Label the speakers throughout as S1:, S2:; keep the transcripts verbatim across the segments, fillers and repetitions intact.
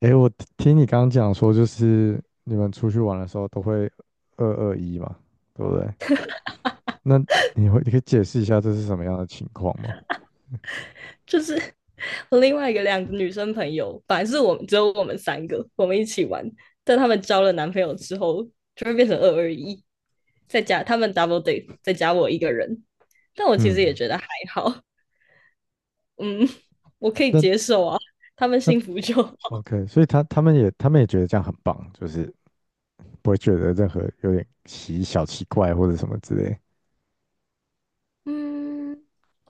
S1: 诶，我听听你刚刚讲说，就是你们出去玩的时候都会二二一嘛，对不对？那你会，你可以解释一下这是什么样的情况吗？
S2: 就是我另外一个两个女生朋友，本来是我们，只有我们三个，我们一起玩，但他们交了男朋友之后，就会变成二二一，再加他们 double date，再加我一个人。但我其实也
S1: 嗯，
S2: 觉得还好。嗯，我可以
S1: 那
S2: 接受啊，他们
S1: 那
S2: 幸福就好。
S1: OK，所以他他们也他们也觉得这样很棒，就是不会觉得任何有点奇小奇怪或者什么之类。
S2: 嗯，因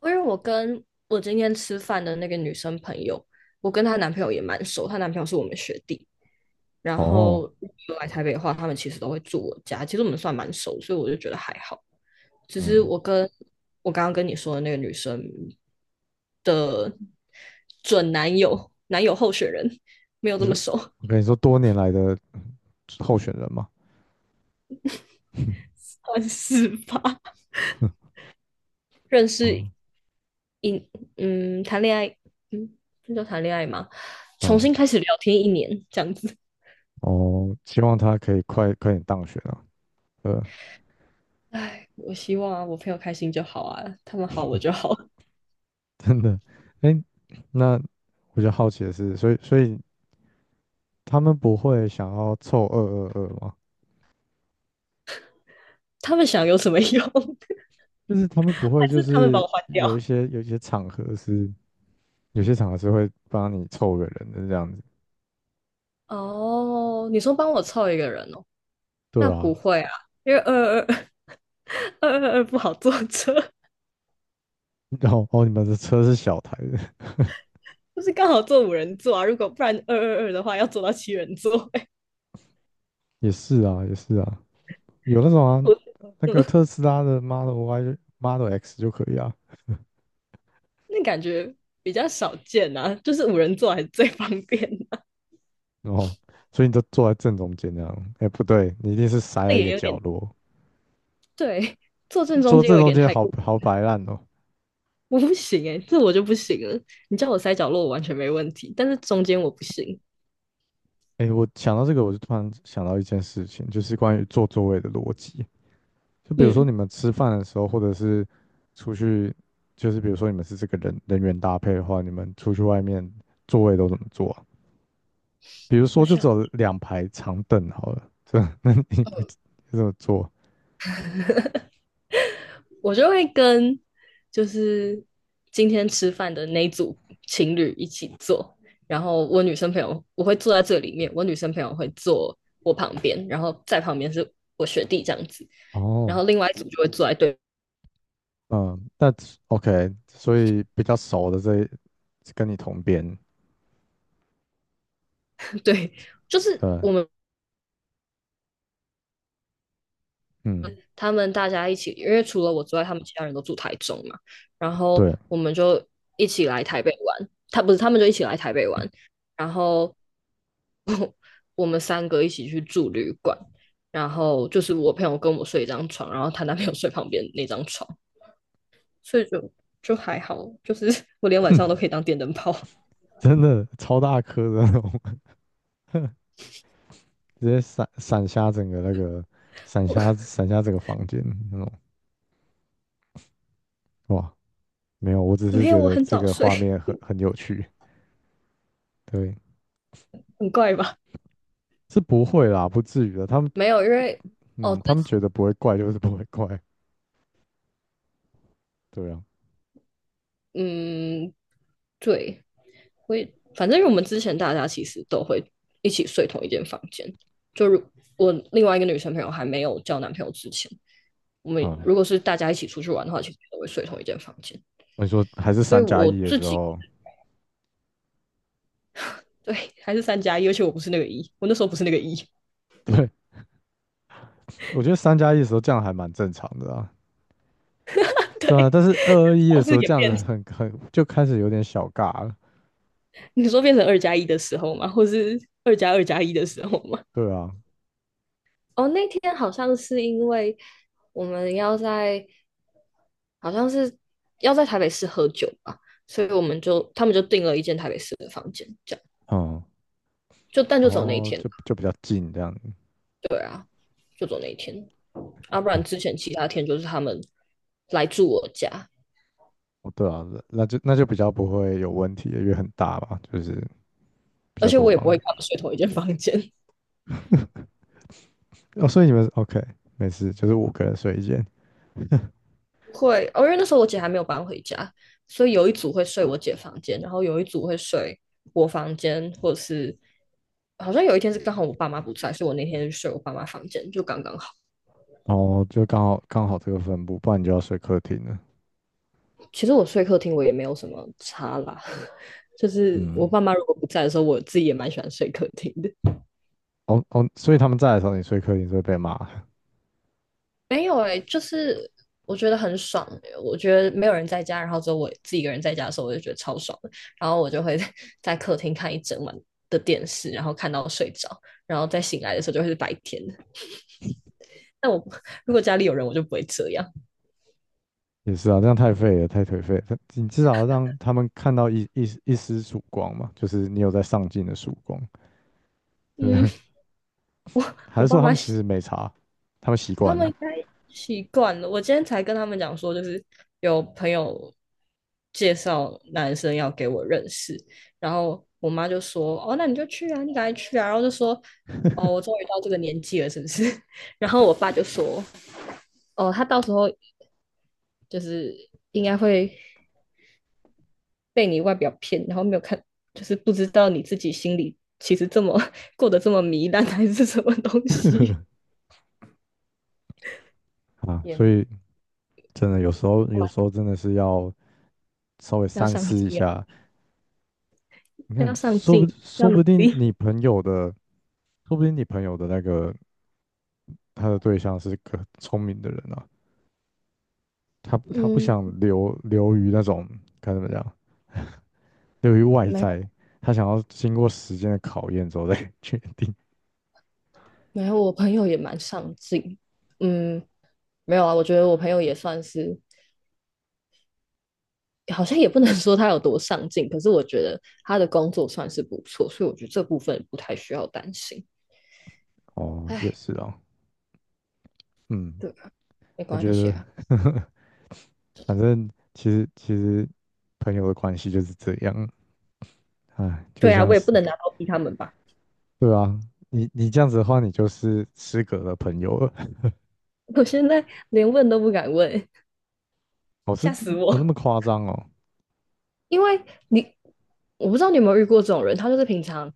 S2: 为我跟我今天吃饭的那个女生朋友，我跟她男朋友也蛮熟，她男朋友是我们学弟。然后
S1: 哦，
S2: 如果来台北的话，他们其实都会住我家，其实我们算蛮熟，所以我就觉得还好。只是
S1: 嗯，
S2: 我跟我刚刚跟你说的那个女生准男友男友候选人没有
S1: 你
S2: 这么
S1: 说，
S2: 熟，
S1: 我跟你说，多年来的候选人嘛，
S2: 算是吧？认识，
S1: 哦，
S2: 嗯，谈恋爱，嗯，那叫谈恋爱吗？重
S1: 嗯，
S2: 新开始聊天一年这样子。
S1: 哦，希望他可以快快点当选啊，呃，
S2: 唉，我希望啊，我朋友开心就好啊，他们好我就好。
S1: 真的，哎，那我就好奇的是，所以所以他们不会想要凑二二二吗？
S2: 他们想有什么用？还
S1: 就是他们不会就
S2: 是他们把
S1: 是
S2: 我换掉？
S1: 有一些有一些场合是。有些厂合是会帮你凑个人的这样子。
S2: 哦，你说帮我凑一个人哦。那
S1: 对啊，
S2: 不会啊，因为二二二二二不好坐车，
S1: 然后哦，你们的车是小台的。
S2: 就是刚好坐五人座啊。如果不然二二二的话，要坐到七人座、欸，
S1: 也是啊，也是啊，有那种啊，
S2: 我
S1: 那个
S2: 嗯，
S1: 特斯拉的 Model Y Model X 就可以啊。
S2: 那感觉比较少见啊。就是五人座还是最方便的、啊
S1: 然后，所以你就坐在正中间这样。哎，不对，你一定是塞
S2: 那
S1: 在一
S2: 也
S1: 个
S2: 有
S1: 角
S2: 点
S1: 落，
S2: 对，坐正中
S1: 坐
S2: 间
S1: 正
S2: 有一
S1: 中
S2: 点
S1: 间
S2: 太
S1: 好
S2: 过。
S1: 好摆烂哦。
S2: 我不行哎、欸这我就不行了。你叫我塞角落，我完全没问题，但是中间我不行。
S1: 哎，我想到这个，我就突然想到一件事情，就是关于坐座位的逻辑。就比如说你
S2: 嗯，
S1: 们吃饭的时候，或者是出去，就是比如说你们是这个人人员搭配的话，你们出去外面座位都怎么坐啊。比如
S2: 我
S1: 说就只
S2: 想
S1: 有两排长凳好了，这 那你会怎么坐？
S2: 我就会跟就是今天吃饭的那一组情侣一起坐，然后我女生朋友我会坐在这里面，我女生朋友会坐我旁边，然后在旁边是我学弟这样子，然
S1: 哦，
S2: 后另外一组就会坐在对
S1: 嗯，那 OK，所以比较熟的这跟你同边。
S2: 对，就是
S1: 呃，
S2: 我们
S1: 嗯，
S2: 他们大家一起，因为除了我之外，他们其他人都住台中嘛，然后
S1: 对，
S2: 我们就一起来台北玩。他不是，他们就一起来台北玩，然后 我们三个一起去住旅馆，然后就是我朋友跟我睡一张床，然后她男朋友睡旁边那张床，所以就就还好，就是 我连晚上都可以当电灯泡。
S1: 真的超大颗的那种，直接闪闪瞎整个那个，闪
S2: 我
S1: 瞎闪瞎整个房间那种。哇，没有，我 只是
S2: 没有，
S1: 觉
S2: 我
S1: 得
S2: 很
S1: 这
S2: 早
S1: 个
S2: 睡，
S1: 画面很很有趣。对，
S2: 很怪吧？
S1: 是不会啦，不至于的。他们，
S2: 没有，因为哦，
S1: 嗯，他们觉得不会怪就是不会怪。对啊，
S2: 嗯，对，会反正我们之前大家其实都会一起睡同一间房间。就如我另外一个女生朋友还没有交男朋友之前，我们
S1: 好，
S2: 如果是大家一起出去玩的话，其实都会睡同一间房间。
S1: 我说还是
S2: 所以
S1: 三加
S2: 我
S1: 一的
S2: 自
S1: 时
S2: 己
S1: 候，
S2: 对还是三加一，而且我不是那个一，我那时候不是那个一。
S1: 对，我觉得三加一的时候这样还蛮正常的啊。对啊，
S2: 对，
S1: 但是二二一的
S2: 上
S1: 时
S2: 次
S1: 候
S2: 也
S1: 这样
S2: 变
S1: 子
S2: 成，
S1: 很很就开始有点小尬了。
S2: 你说变成二加一的时候吗？或是二加二加一的时候吗？
S1: 对啊，
S2: 哦，那天好像是因为我们要在好像是要在台北市喝酒吧，所以我们就他们就订了一间台北市的房间，这样
S1: 嗯，
S2: 就但就走那一
S1: 哦，
S2: 天，
S1: 就就比较近这样子。
S2: 对啊，就走那一天，要、啊不然
S1: 嗯，
S2: 之前其他天就是他们来住我家，
S1: 哦，对啊，那就那就比较不会有问题了因为很大嘛，就是比
S2: 而
S1: 较
S2: 且
S1: 多
S2: 我也不
S1: 房
S2: 会
S1: 间。
S2: 跟他们睡同一间房间。
S1: 哦，所以你们 OK，没事，就是五个人睡一间。
S2: 会，哦，因为那时候我姐还没有搬回家，所以有一组会睡我姐房间，然后有一组会睡我房间，或者是好像有一天是刚好我爸妈不在，所以我那天就睡我爸妈房间，就刚刚好。
S1: 哦，就刚好刚好这个分布，不然你就要睡客厅了。
S2: 其实我睡客厅我也没有什么差啦，就是我
S1: 嗯，
S2: 爸妈如果不在的时候，我自己也蛮喜欢睡客厅的。
S1: 哦哦，所以他们在的时候，你睡客厅就会被骂。
S2: 没有哎、欸就是我觉得很爽、欸，我觉得没有人在家，然后只有我自己一个人在家的时候，我就觉得超爽的。然后我就会 在客厅看一整晚的电视，然后看到睡着，然后再醒来的时候就会是白天。但我 如果家里有人，我就不会这样。
S1: 也是啊，这样太废了，太颓废了，你至少要让他们看到一一一丝曙光嘛，就是你有在上进的曙光，对不
S2: 嗯，
S1: 对？还
S2: 我
S1: 是
S2: 爸
S1: 说他
S2: 妈
S1: 们其实没差，他们习
S2: 他
S1: 惯
S2: 们
S1: 了。
S2: 应该习惯了。我今天才跟他们讲说，就是有朋友介绍男生要给我认识，然后我妈就说：“哦，那你就去啊，你赶快去啊。”然后就说：“哦，我 终于到这个年纪了，是不是？” 然后我爸就说：“哦，他到时候就是应该会被你外表骗，然后没有看，就是不知道你自己心里其实这么过得这么糜烂，还是什么东西，
S1: 啊？所
S2: 也
S1: 以真的有时候，有时候真的是要稍微
S2: 要
S1: 三
S2: 上
S1: 思一
S2: 进啊
S1: 下。你
S2: 要
S1: 看，
S2: 上
S1: 说
S2: 进，
S1: 不
S2: 要
S1: 说
S2: 努
S1: 不定
S2: 力。”
S1: 你朋友的，说不定你朋友的那个他的对象是个聪明的人啊。他他不
S2: 嗯，
S1: 想留留于那种，该怎么讲，留于外
S2: 没有
S1: 在，他想要经过时间的考验之后再 决定。
S2: 没有，我朋友也蛮上进。嗯，没有啊，我觉得我朋友也算是，好像也不能 说他有多上进，可是我觉得他的工作算是不错，所以我觉得这部分不太需要担心。
S1: 哦，也
S2: 哎，
S1: 是哦，嗯，
S2: 对啊，没
S1: 我
S2: 关
S1: 觉
S2: 系
S1: 得，
S2: 啊。
S1: 反正其实其实朋友的关系就是这样，哎，就
S2: 对啊，
S1: 像
S2: 我也
S1: 是
S2: 不能拿刀逼他们吧？
S1: 对啊，你你这样子的话，你就是失格的朋友了。
S2: 我现在连问都不敢问，
S1: 哦，是
S2: 吓死
S1: 有那
S2: 我。
S1: 么夸张哦？
S2: 因为你我不知道你有没有遇过这种人，他就是平常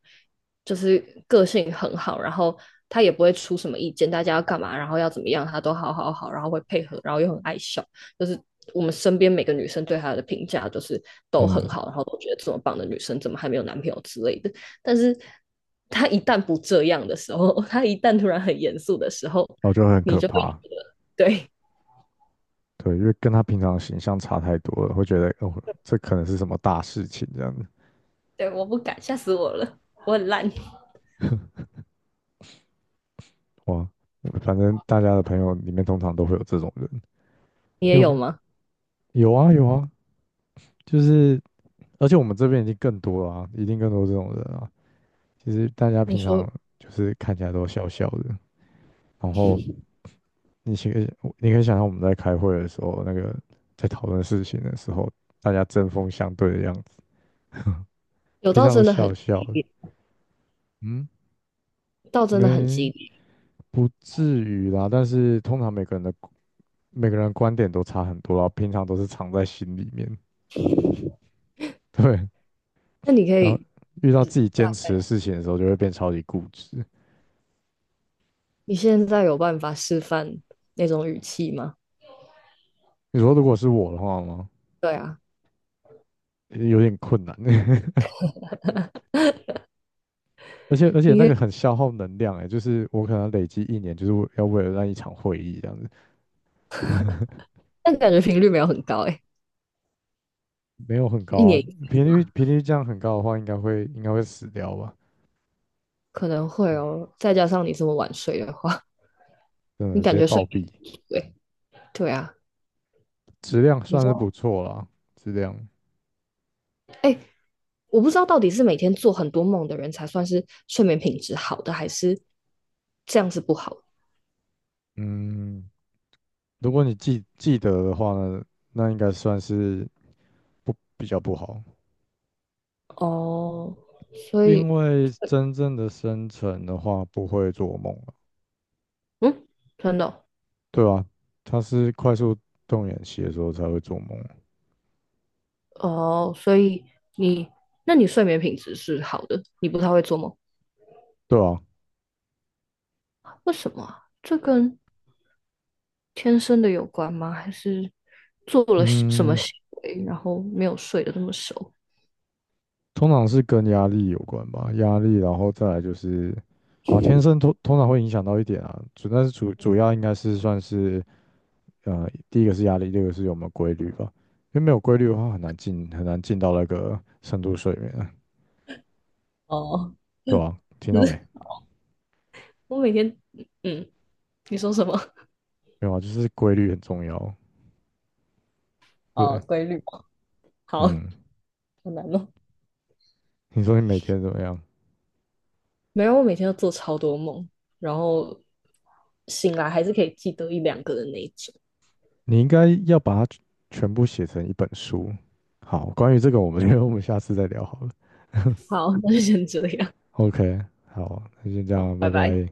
S2: 就是个性很好，然后他也不会出什么意见，大家要干嘛，然后要怎么样，他都好好好，然后会配合，然后又很爱笑，就是我们身边每个女生对他的评价就是都
S1: 嗯，
S2: 很好，然后都觉得这么棒的女生怎么还没有男朋友之类的，但是。他一旦不这样的时候，他一旦突然很严肃的时候，
S1: 我后就很
S2: 你
S1: 可
S2: 就会
S1: 怕。
S2: 对
S1: 对，因为跟他平常的形象差太多了，会觉得哦，这可能是什么大事情这样子。
S2: 对，我不敢，吓死我了，我很烂。
S1: 哇，反正大家的朋友里面通常都会有这种人。
S2: 你
S1: 你
S2: 也
S1: 有没
S2: 有
S1: 有？
S2: 吗？
S1: 啊，有啊，就是，而且我们这边已经更多了啊，一定更多这种人啊。其实大家
S2: 你
S1: 平常
S2: 说
S1: 就是看起来都笑笑的，然后你其实你可以想象我们在开会的时候，那个在讨论事情的时候，大家针锋相对的样子，
S2: 有
S1: 平
S2: 到
S1: 常都
S2: 真的很
S1: 笑笑
S2: 激
S1: 的。
S2: 烈，
S1: 嗯，
S2: 到真的很激
S1: 没
S2: 烈。
S1: 不至于啦，但是通常每个人的每个人的观点都差很多啦，平常都是藏在心里面，对。
S2: 那你可
S1: 然后
S2: 以
S1: 遇到自己
S2: 大
S1: 坚持
S2: 概，
S1: 的事情的时候，就会变超级固执。
S2: 你现在有办法示范那种语气吗？
S1: 你说如果是我的话吗？
S2: 对啊，
S1: 有点困难，而且而且
S2: 你
S1: 那个
S2: 可以，
S1: 很消耗能量哎，就是我可能累积一年，就是要为了那一场会议这样子，
S2: 但感觉频率没有很高哎，
S1: 没有很
S2: 一
S1: 高啊，
S2: 年一
S1: 频
S2: 次
S1: 率
S2: 吗？
S1: 频率这样很高的话，应该会应该会死掉吧，
S2: 可能会
S1: 嗯，
S2: 哦，再加上你这么晚睡的话，
S1: 真
S2: 你
S1: 的直
S2: 感
S1: 接
S2: 觉
S1: 暴
S2: 睡
S1: 毙，
S2: 不对？对啊，
S1: 质量
S2: 你知
S1: 算是
S2: 道，
S1: 不错啦，质量，
S2: 哎、我不知道到底是每天做很多梦的人才算是睡眠品质好的，还是这样子不好
S1: 嗯，如果你记记得的话呢，那应该算是不比较不好，
S2: 哦。所以，
S1: 因为真正的生成的话不会做梦啊，
S2: 嗯，真的哦
S1: 对啊，它是快速动眼期的时候才会做梦啊，
S2: 哦，所以你，那你睡眠品质是好的，你不太会做梦，
S1: 对啊，
S2: 为什么啊这跟天生的有关吗？还是做了什么
S1: 嗯，
S2: 行为，然后没有睡得这么熟？
S1: 通常是跟压力有关吧，压力，然后再来就是啊，天生通通常会影响到一点啊，主但是主主要应该是算是。呃，第一个是压力，第二个是有没有规律吧，因为没有规律的话很难进很难进到那个深度睡眠啊。
S2: 哦
S1: 对啊，听到没？
S2: 我每天，嗯，你说什么？
S1: 没有啊，就是规律很重要，
S2: 哦，
S1: 对，
S2: 规律嘛，好，好
S1: 嗯，
S2: 难弄。
S1: 你说你每天怎么样？
S2: 没有，我每天都做超多梦，然后醒来还是可以记得一两个的那一种。
S1: 你应该要把它全部写成一本书。好，关于这个，我们 因为我们下次再聊好了。
S2: 好，那就先这样，
S1: OK，好，那先这
S2: 好，
S1: 样，拜
S2: 拜拜。
S1: 拜。